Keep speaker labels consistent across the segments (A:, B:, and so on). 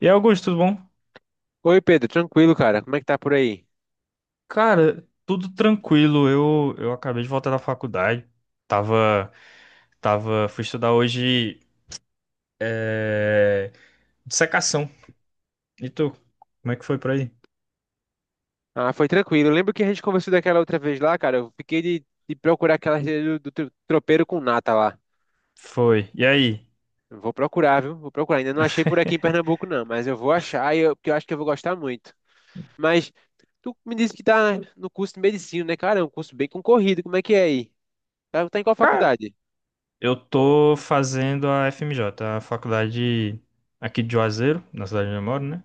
A: E aí, Augusto, tudo bom?
B: Oi, Pedro, tranquilo, cara? Como é que tá por aí?
A: Cara, tudo tranquilo. Eu acabei de voltar da faculdade. Tava, fui estudar hoje é, dissecação. E tu? Como é que foi por aí?
B: Ah, foi tranquilo. Lembro que a gente conversou daquela outra vez lá, cara. Eu fiquei de procurar aquela receita do tropeiro com nata lá.
A: Foi. E aí?
B: Eu vou procurar, viu? Vou procurar. Ainda não achei por aqui em Pernambuco, não, mas eu vou achar e eu, porque eu acho que eu vou gostar muito. Mas tu me disse que tá no curso de medicina, né, cara? É um curso bem concorrido. Como é que é aí? Tá em qual
A: Cara,
B: faculdade?
A: eu tô fazendo a FMJ, a faculdade aqui de Juazeiro, na cidade onde eu moro, né?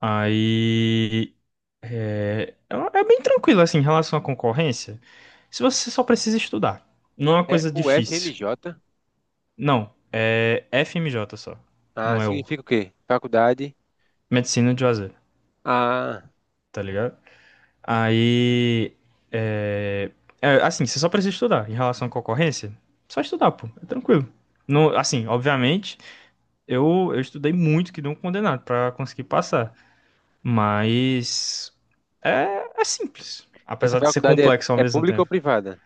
A: Aí é bem tranquilo assim em relação à concorrência. Se você só precisa estudar, não é uma
B: É
A: coisa difícil.
B: UFMJ?
A: Não, é FMJ só.
B: Ah,
A: Não é o.
B: significa o quê? Faculdade.
A: Medicina de Juazeiro,
B: Ah,
A: tá ligado? Aí. É, assim, você só precisa estudar. Em relação à concorrência, só estudar, pô. É tranquilo. No, assim, obviamente, eu estudei muito que não condenado pra conseguir passar. Mas. É simples.
B: essa
A: Apesar de ser
B: faculdade é,
A: complexo ao
B: é
A: mesmo
B: pública ou
A: tempo.
B: privada?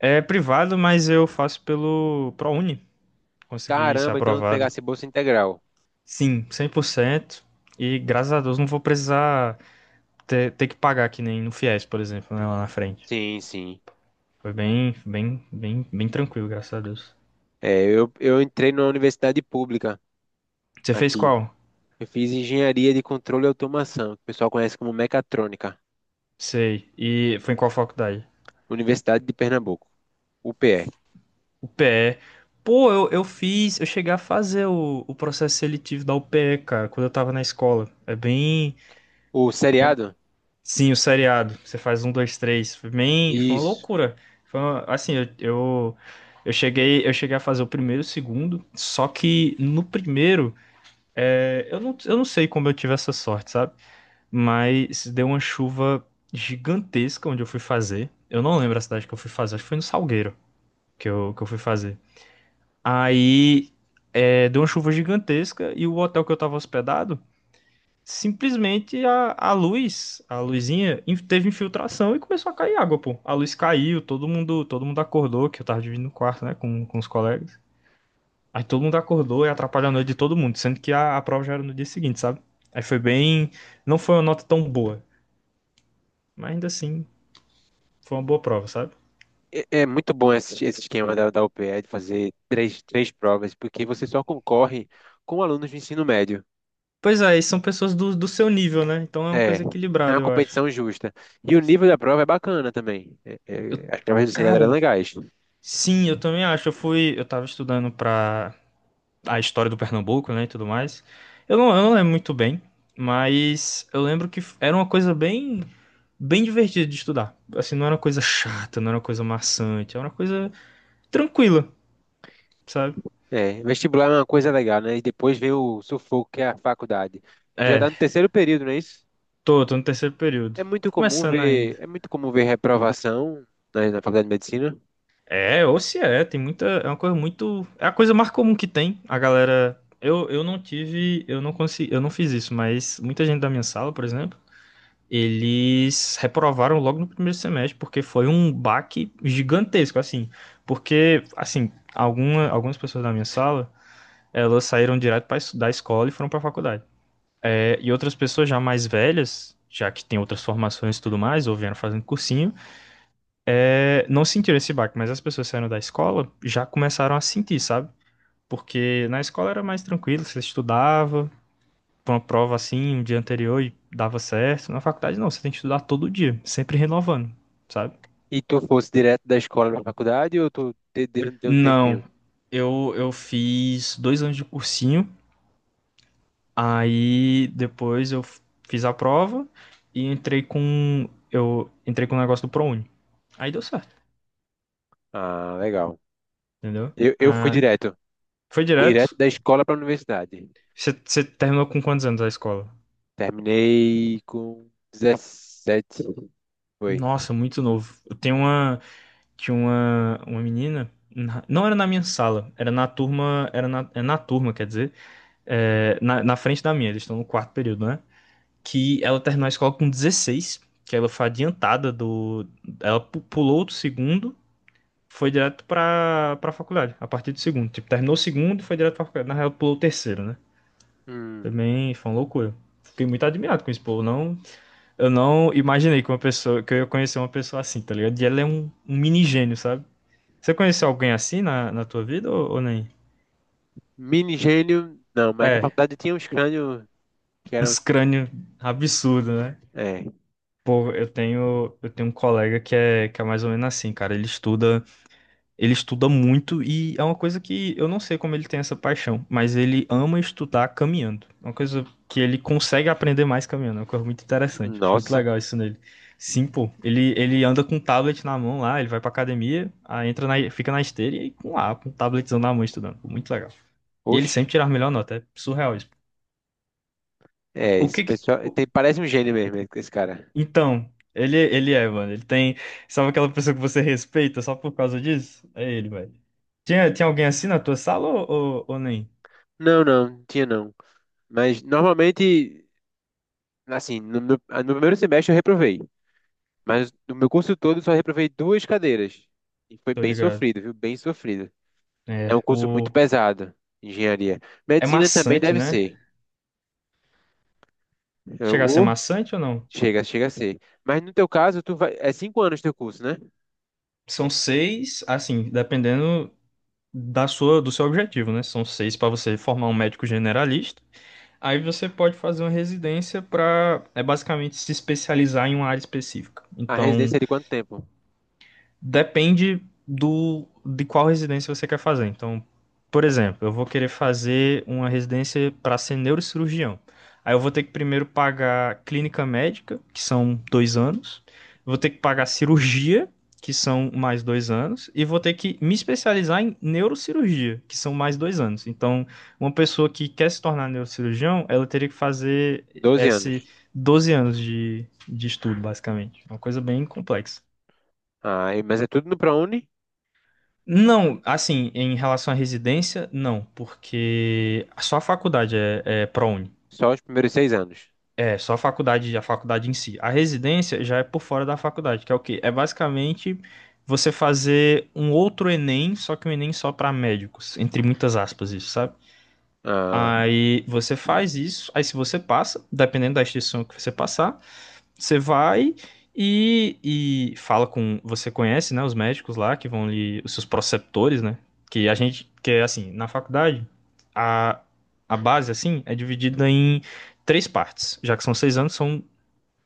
A: É privado, mas eu faço pelo ProUni. Consegui ser
B: Caramba, então eu vou pegar
A: aprovado.
B: essa bolsa integral.
A: Sim, 100%. E graças a Deus não vou precisar ter que pagar que nem no Fies, por exemplo, né, lá na frente.
B: Sim, sim.
A: Foi bem tranquilo, graças a Deus.
B: É, eu entrei numa universidade pública
A: Você fez
B: aqui.
A: qual?
B: Eu fiz engenharia de controle e automação, que o pessoal conhece como mecatrônica.
A: Sei. E foi em qual faculdade?
B: Universidade de Pernambuco, UPE.
A: UPE. Pô, eu fiz, eu cheguei a fazer o processo seletivo da UPE, cara, quando eu tava na escola. É bem,
B: O seriado?
A: sim, o seriado. Você faz um, dois, três. Foi bem, foi uma
B: Isso.
A: loucura. Assim, eu cheguei a fazer o primeiro e o segundo, só que no primeiro, eu não sei como eu tive essa sorte, sabe? Mas deu uma chuva gigantesca onde eu fui fazer. Eu não lembro a cidade que eu fui fazer, acho que foi no Salgueiro que eu fui fazer. Aí, deu uma chuva gigantesca e o hotel que eu tava hospedado. Simplesmente a luz, a luzinha, teve infiltração e começou a cair água, pô. A luz caiu, todo mundo acordou, que eu tava dividindo o quarto, né, com os colegas. Aí todo mundo acordou e atrapalhou a noite de todo mundo, sendo que a prova já era no dia seguinte, sabe? Aí foi bem. Não foi uma nota tão boa, mas ainda assim, foi uma boa prova, sabe?
B: É muito bom esse esquema da UPE de fazer três provas, porque você só concorre com alunos do ensino médio.
A: Pois é, e são pessoas do seu nível, né? Então é uma
B: É,
A: coisa
B: é uma
A: equilibrada, eu acho.
B: competição justa. E o nível da prova é bacana também. É,
A: Eu-
B: é, as provas do seriado eram
A: Cara,
B: legais.
A: sim, eu também acho. Eu fui, eu tava estudando pra a história do Pernambuco, né, e tudo mais. Eu não lembro muito bem, mas eu lembro que era uma coisa bem divertida de estudar. Assim, não era uma coisa chata, não era uma coisa maçante, era uma coisa tranquila, sabe?
B: É, vestibular é uma coisa legal, né? E depois vem o sufoco, que é a faculdade. Já tá
A: É,
B: no terceiro período, não é isso?
A: tô no terceiro período.
B: É muito comum
A: Começando ainda.
B: ver, é muito comum ver reprovação na faculdade de medicina.
A: É, ou se é, tem muita, é uma coisa muito, é a coisa mais comum que tem, a galera... eu não tive, eu não consegui, eu não fiz isso, mas muita gente da minha sala, por exemplo, eles reprovaram logo no primeiro semestre, porque foi um baque gigantesco, assim. Porque, assim, algumas pessoas da minha sala, elas saíram direto pra, da escola e foram para a faculdade. É, e outras pessoas já mais velhas, já que tem outras formações e tudo mais, ou vieram fazendo cursinho, não sentiram esse baque, mas as pessoas saindo da escola já começaram a sentir, sabe? Porque na escola era mais tranquilo, você estudava, pra uma prova assim, um dia anterior e dava certo. Na faculdade não, você tem que estudar todo dia, sempre renovando, sabe?
B: E tu fosse direto da escola pra faculdade ou tu deu um tempinho?
A: Não, eu fiz dois anos de cursinho, aí depois fiz a prova e entrei com eu entrei com o negócio do ProUni. Aí deu certo,
B: Ah, legal.
A: entendeu?
B: Eu fui
A: Ah,
B: direto.
A: foi
B: Direto
A: direto.
B: da escola pra universidade.
A: Você terminou com quantos anos a escola?
B: Terminei com 17. Foi.
A: Nossa, muito novo. Eu tenho uma tinha uma menina não era na minha sala, era na turma, era na, é na turma, quer dizer, na frente da minha, eles estão no quarto período, né? Que ela terminou a escola com 16, que ela foi adiantada do. Ela pulou do segundo, foi direto pra faculdade, a partir do segundo. Tipo, terminou o segundo e foi direto pra faculdade. Na real, pulou o terceiro, né?
B: Hum,
A: Também foi uma loucura. Fiquei muito admirado com esse pô. Não, eu não imaginei que que eu ia conhecer uma pessoa assim, tá ligado? E ela é um mini gênio, sabe? Você conheceu alguém assim na tua vida ou nem?
B: mini gênio, não, mas na
A: É,
B: faculdade tinha uns crânios que eram.
A: uns crânio absurdo, né?
B: É.
A: Pô, eu tenho um colega que é mais ou menos assim, cara. Ele estuda muito e é uma coisa que eu não sei como ele tem essa paixão, mas ele ama estudar caminhando. É uma coisa que ele consegue aprender mais caminhando, é uma coisa muito interessante. Acho muito
B: Nossa.
A: legal isso nele. Sim, pô. Ele anda com um tablet na mão lá, ele vai pra academia, aí entra na, fica na esteira e aí com lá, com um tabletzão na mão estudando. Pô, muito legal. E ele
B: Oxe.
A: sempre tira a melhor nota, é surreal isso.
B: É,
A: O
B: esse
A: que, que-
B: pessoal. Tem, parece um gênio mesmo, esse cara.
A: Então, ele é, mano. Ele tem. Sabe aquela pessoa que você respeita só por causa disso? É ele, velho. Tinha alguém assim na tua sala ou nem?
B: Não, não, tinha não. Mas normalmente, assim, no primeiro semestre eu reprovei. Mas no meu curso todo só reprovei duas cadeiras. E foi
A: Tô
B: bem
A: ligado.
B: sofrido, viu? Bem sofrido. É um
A: É,
B: curso
A: o...
B: muito pesado, engenharia.
A: é
B: Medicina também
A: maçante,
B: deve
A: né?
B: ser. É,
A: Chegar a ser
B: ou
A: maçante ou não?
B: chega a ser. Mas no teu caso, tu vai, é 5 anos teu curso, né?
A: São seis, assim, dependendo do seu objetivo, né? São seis pra você formar um médico generalista. Aí você pode fazer uma residência pra é basicamente se especializar em uma área específica.
B: A residência
A: Então,
B: é de quanto tempo?
A: depende do de qual residência você quer fazer. Então, por exemplo, eu vou querer fazer uma residência para ser neurocirurgião. Aí eu vou ter que primeiro pagar clínica médica, que são dois anos. Vou ter que pagar cirurgia, que são mais dois anos. E vou ter que me especializar em neurocirurgia, que são mais dois anos. Então, uma pessoa que quer se tornar neurocirurgião, ela teria que fazer
B: Doze
A: esse
B: anos.
A: 12 anos de estudo, basicamente. Uma coisa bem complexa.
B: Ah, mas é tudo no ProUni?
A: Não, assim, em relação à residência, não, porque só a faculdade é ProUni.
B: Só os primeiros 6 anos.
A: É, só a faculdade em si. A residência já é por fora da faculdade, que é o quê? É basicamente você fazer um outro Enem, só que um Enem só para médicos, entre muitas aspas, isso, sabe?
B: Ah,
A: Aí você faz isso, aí se você passa, dependendo da instituição que você passar, você vai e fala com. Você conhece, né? Os médicos lá que vão lhe. Os seus preceptores, né? Que a gente. Que é assim, na faculdade, a, a base, assim, é dividida em três partes. Já que são seis anos, são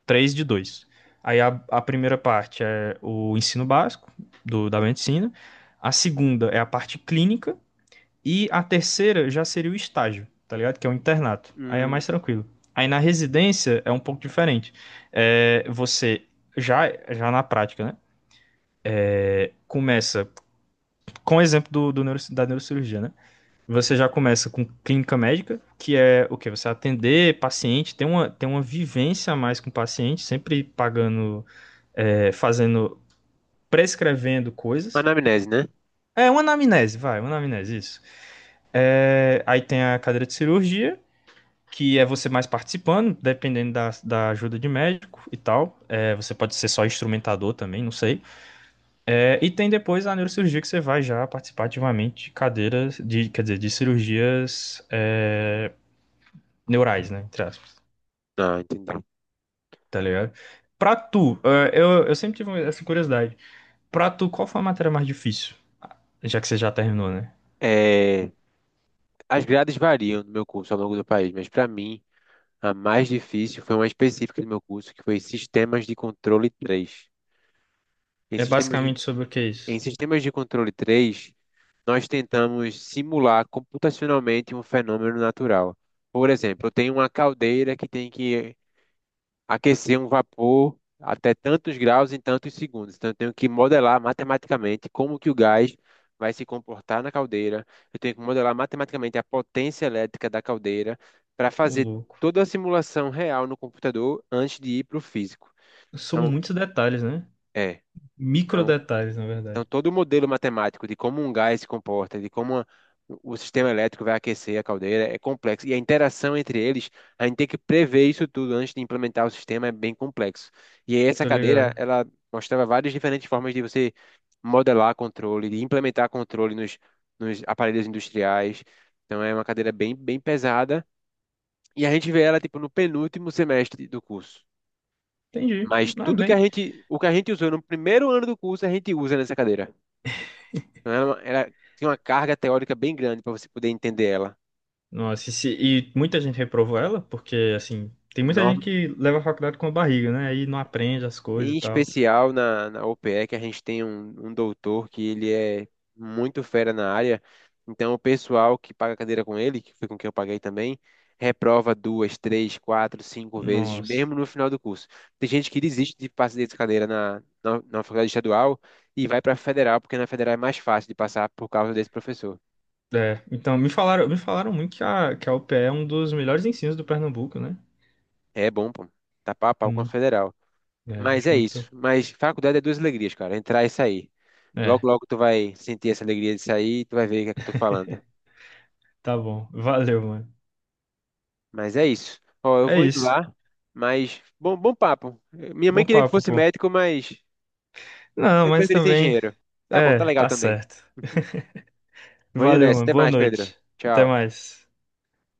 A: três de dois. Aí a primeira parte é o ensino básico da medicina. A segunda é a parte clínica. E a terceira já seria o estágio, tá ligado? Que é o internato. Aí é
B: hum,
A: mais tranquilo. Aí na residência é um pouco diferente. É, você já na prática, né? Começa com o exemplo do da neurocirurgia, né? Você já começa com clínica médica, que é o quê? Você atender paciente, tem tem uma vivência a mais com o paciente, sempre pagando, fazendo, prescrevendo coisas.
B: anamnese, né?
A: É uma anamnese, vai, uma anamnese, isso. É, aí tem a cadeira de cirurgia, que é você mais participando, dependendo da ajuda de médico e tal. É, você pode ser só instrumentador também, não sei. É, e tem depois a neurocirurgia que você vai já participar ativamente de cadeiras, de, quer dizer, de cirurgias é, neurais, né? Entre aspas,
B: Ah, entendi.
A: tá ligado? Pra tu, eu sempre tive essa curiosidade. Pra tu, qual foi a matéria mais difícil? Já que você já terminou, né?
B: É, as grades variam no meu curso ao longo do país, mas para mim. A mais difícil foi uma específica do meu curso, que foi Sistemas de Controle três. Em
A: É
B: Sistemas de,
A: basicamente sobre o que é isso?
B: em Sistemas de Controle três nós tentamos simular computacionalmente um fenômeno natural. Por exemplo, eu tenho uma caldeira que tem que aquecer um vapor até tantos graus em tantos segundos. Então, eu tenho que modelar matematicamente como que o gás vai se comportar na caldeira. Eu tenho que modelar matematicamente a potência elétrica da caldeira para
A: O
B: fazer
A: louco.
B: toda a simulação real no computador antes de ir para o físico.
A: São
B: Então,
A: muitos detalhes, né?
B: é.
A: Micro
B: então,
A: detalhes, na
B: então,
A: verdade.
B: todo o modelo matemático de como um gás se comporta, de como o sistema elétrico vai aquecer a caldeira, é complexo. E a interação entre eles, a gente tem que prever isso tudo antes de implementar o sistema, é bem complexo. E aí, essa
A: Tô
B: cadeira,
A: ligado.
B: ela mostrava várias diferentes formas de você modelar controle, de implementar controle nos aparelhos industriais. Então, é uma cadeira bem, bem pesada. E a gente vê ela, tipo, no penúltimo semestre do curso.
A: Entendi.
B: Mas
A: Ah,
B: tudo
A: bem.
B: o que a gente usou no primeiro ano do curso, a gente usa nessa cadeira. Então, ela tinha uma carga teórica bem grande para você poder entender ela.
A: Nossa, e, se- e muita gente reprovou ela, porque, assim, tem muita gente
B: Norm-
A: que leva a faculdade com a barriga, né? Aí não aprende as coisas
B: Em
A: e tal.
B: especial na OPE, que a gente tem um doutor que ele é muito fera na área. Então, o pessoal que paga cadeira com ele, que foi com quem eu paguei também, reprova duas, três, quatro, cinco vezes,
A: Nossa.
B: mesmo no final do curso. Tem gente que desiste de passar dessa cadeira na faculdade estadual e vai para a federal, porque na federal é mais fácil de passar por causa desse professor.
A: É, então, me falaram muito que que a UPE é um dos melhores ensinos do Pernambuco, né?
B: É bom, pô. Tá pau a pau com a
A: Hum,
B: federal.
A: é,
B: Mas
A: acho
B: é isso.
A: muito.
B: Mas faculdade é duas alegrias, cara. Entrar e sair. Logo,
A: É,
B: logo tu vai sentir essa alegria de sair e tu vai ver o que é que eu tô falando.
A: tá bom. Valeu, mano.
B: Mas é isso. Ó, eu
A: É
B: vou indo
A: isso.
B: lá, mas bom, bom papo. Minha mãe
A: Bom
B: queria que
A: papo,
B: fosse
A: pô.
B: médico, mas
A: Não,
B: eu
A: mas
B: preferi ser
A: também.
B: engenheiro. Tá bom, tá
A: É,
B: legal
A: tá
B: também.
A: certo.
B: Vou indo
A: Valeu,
B: nessa.
A: mano.
B: Até
A: Boa
B: mais, Pedro.
A: noite. Até
B: Tchau.
A: mais.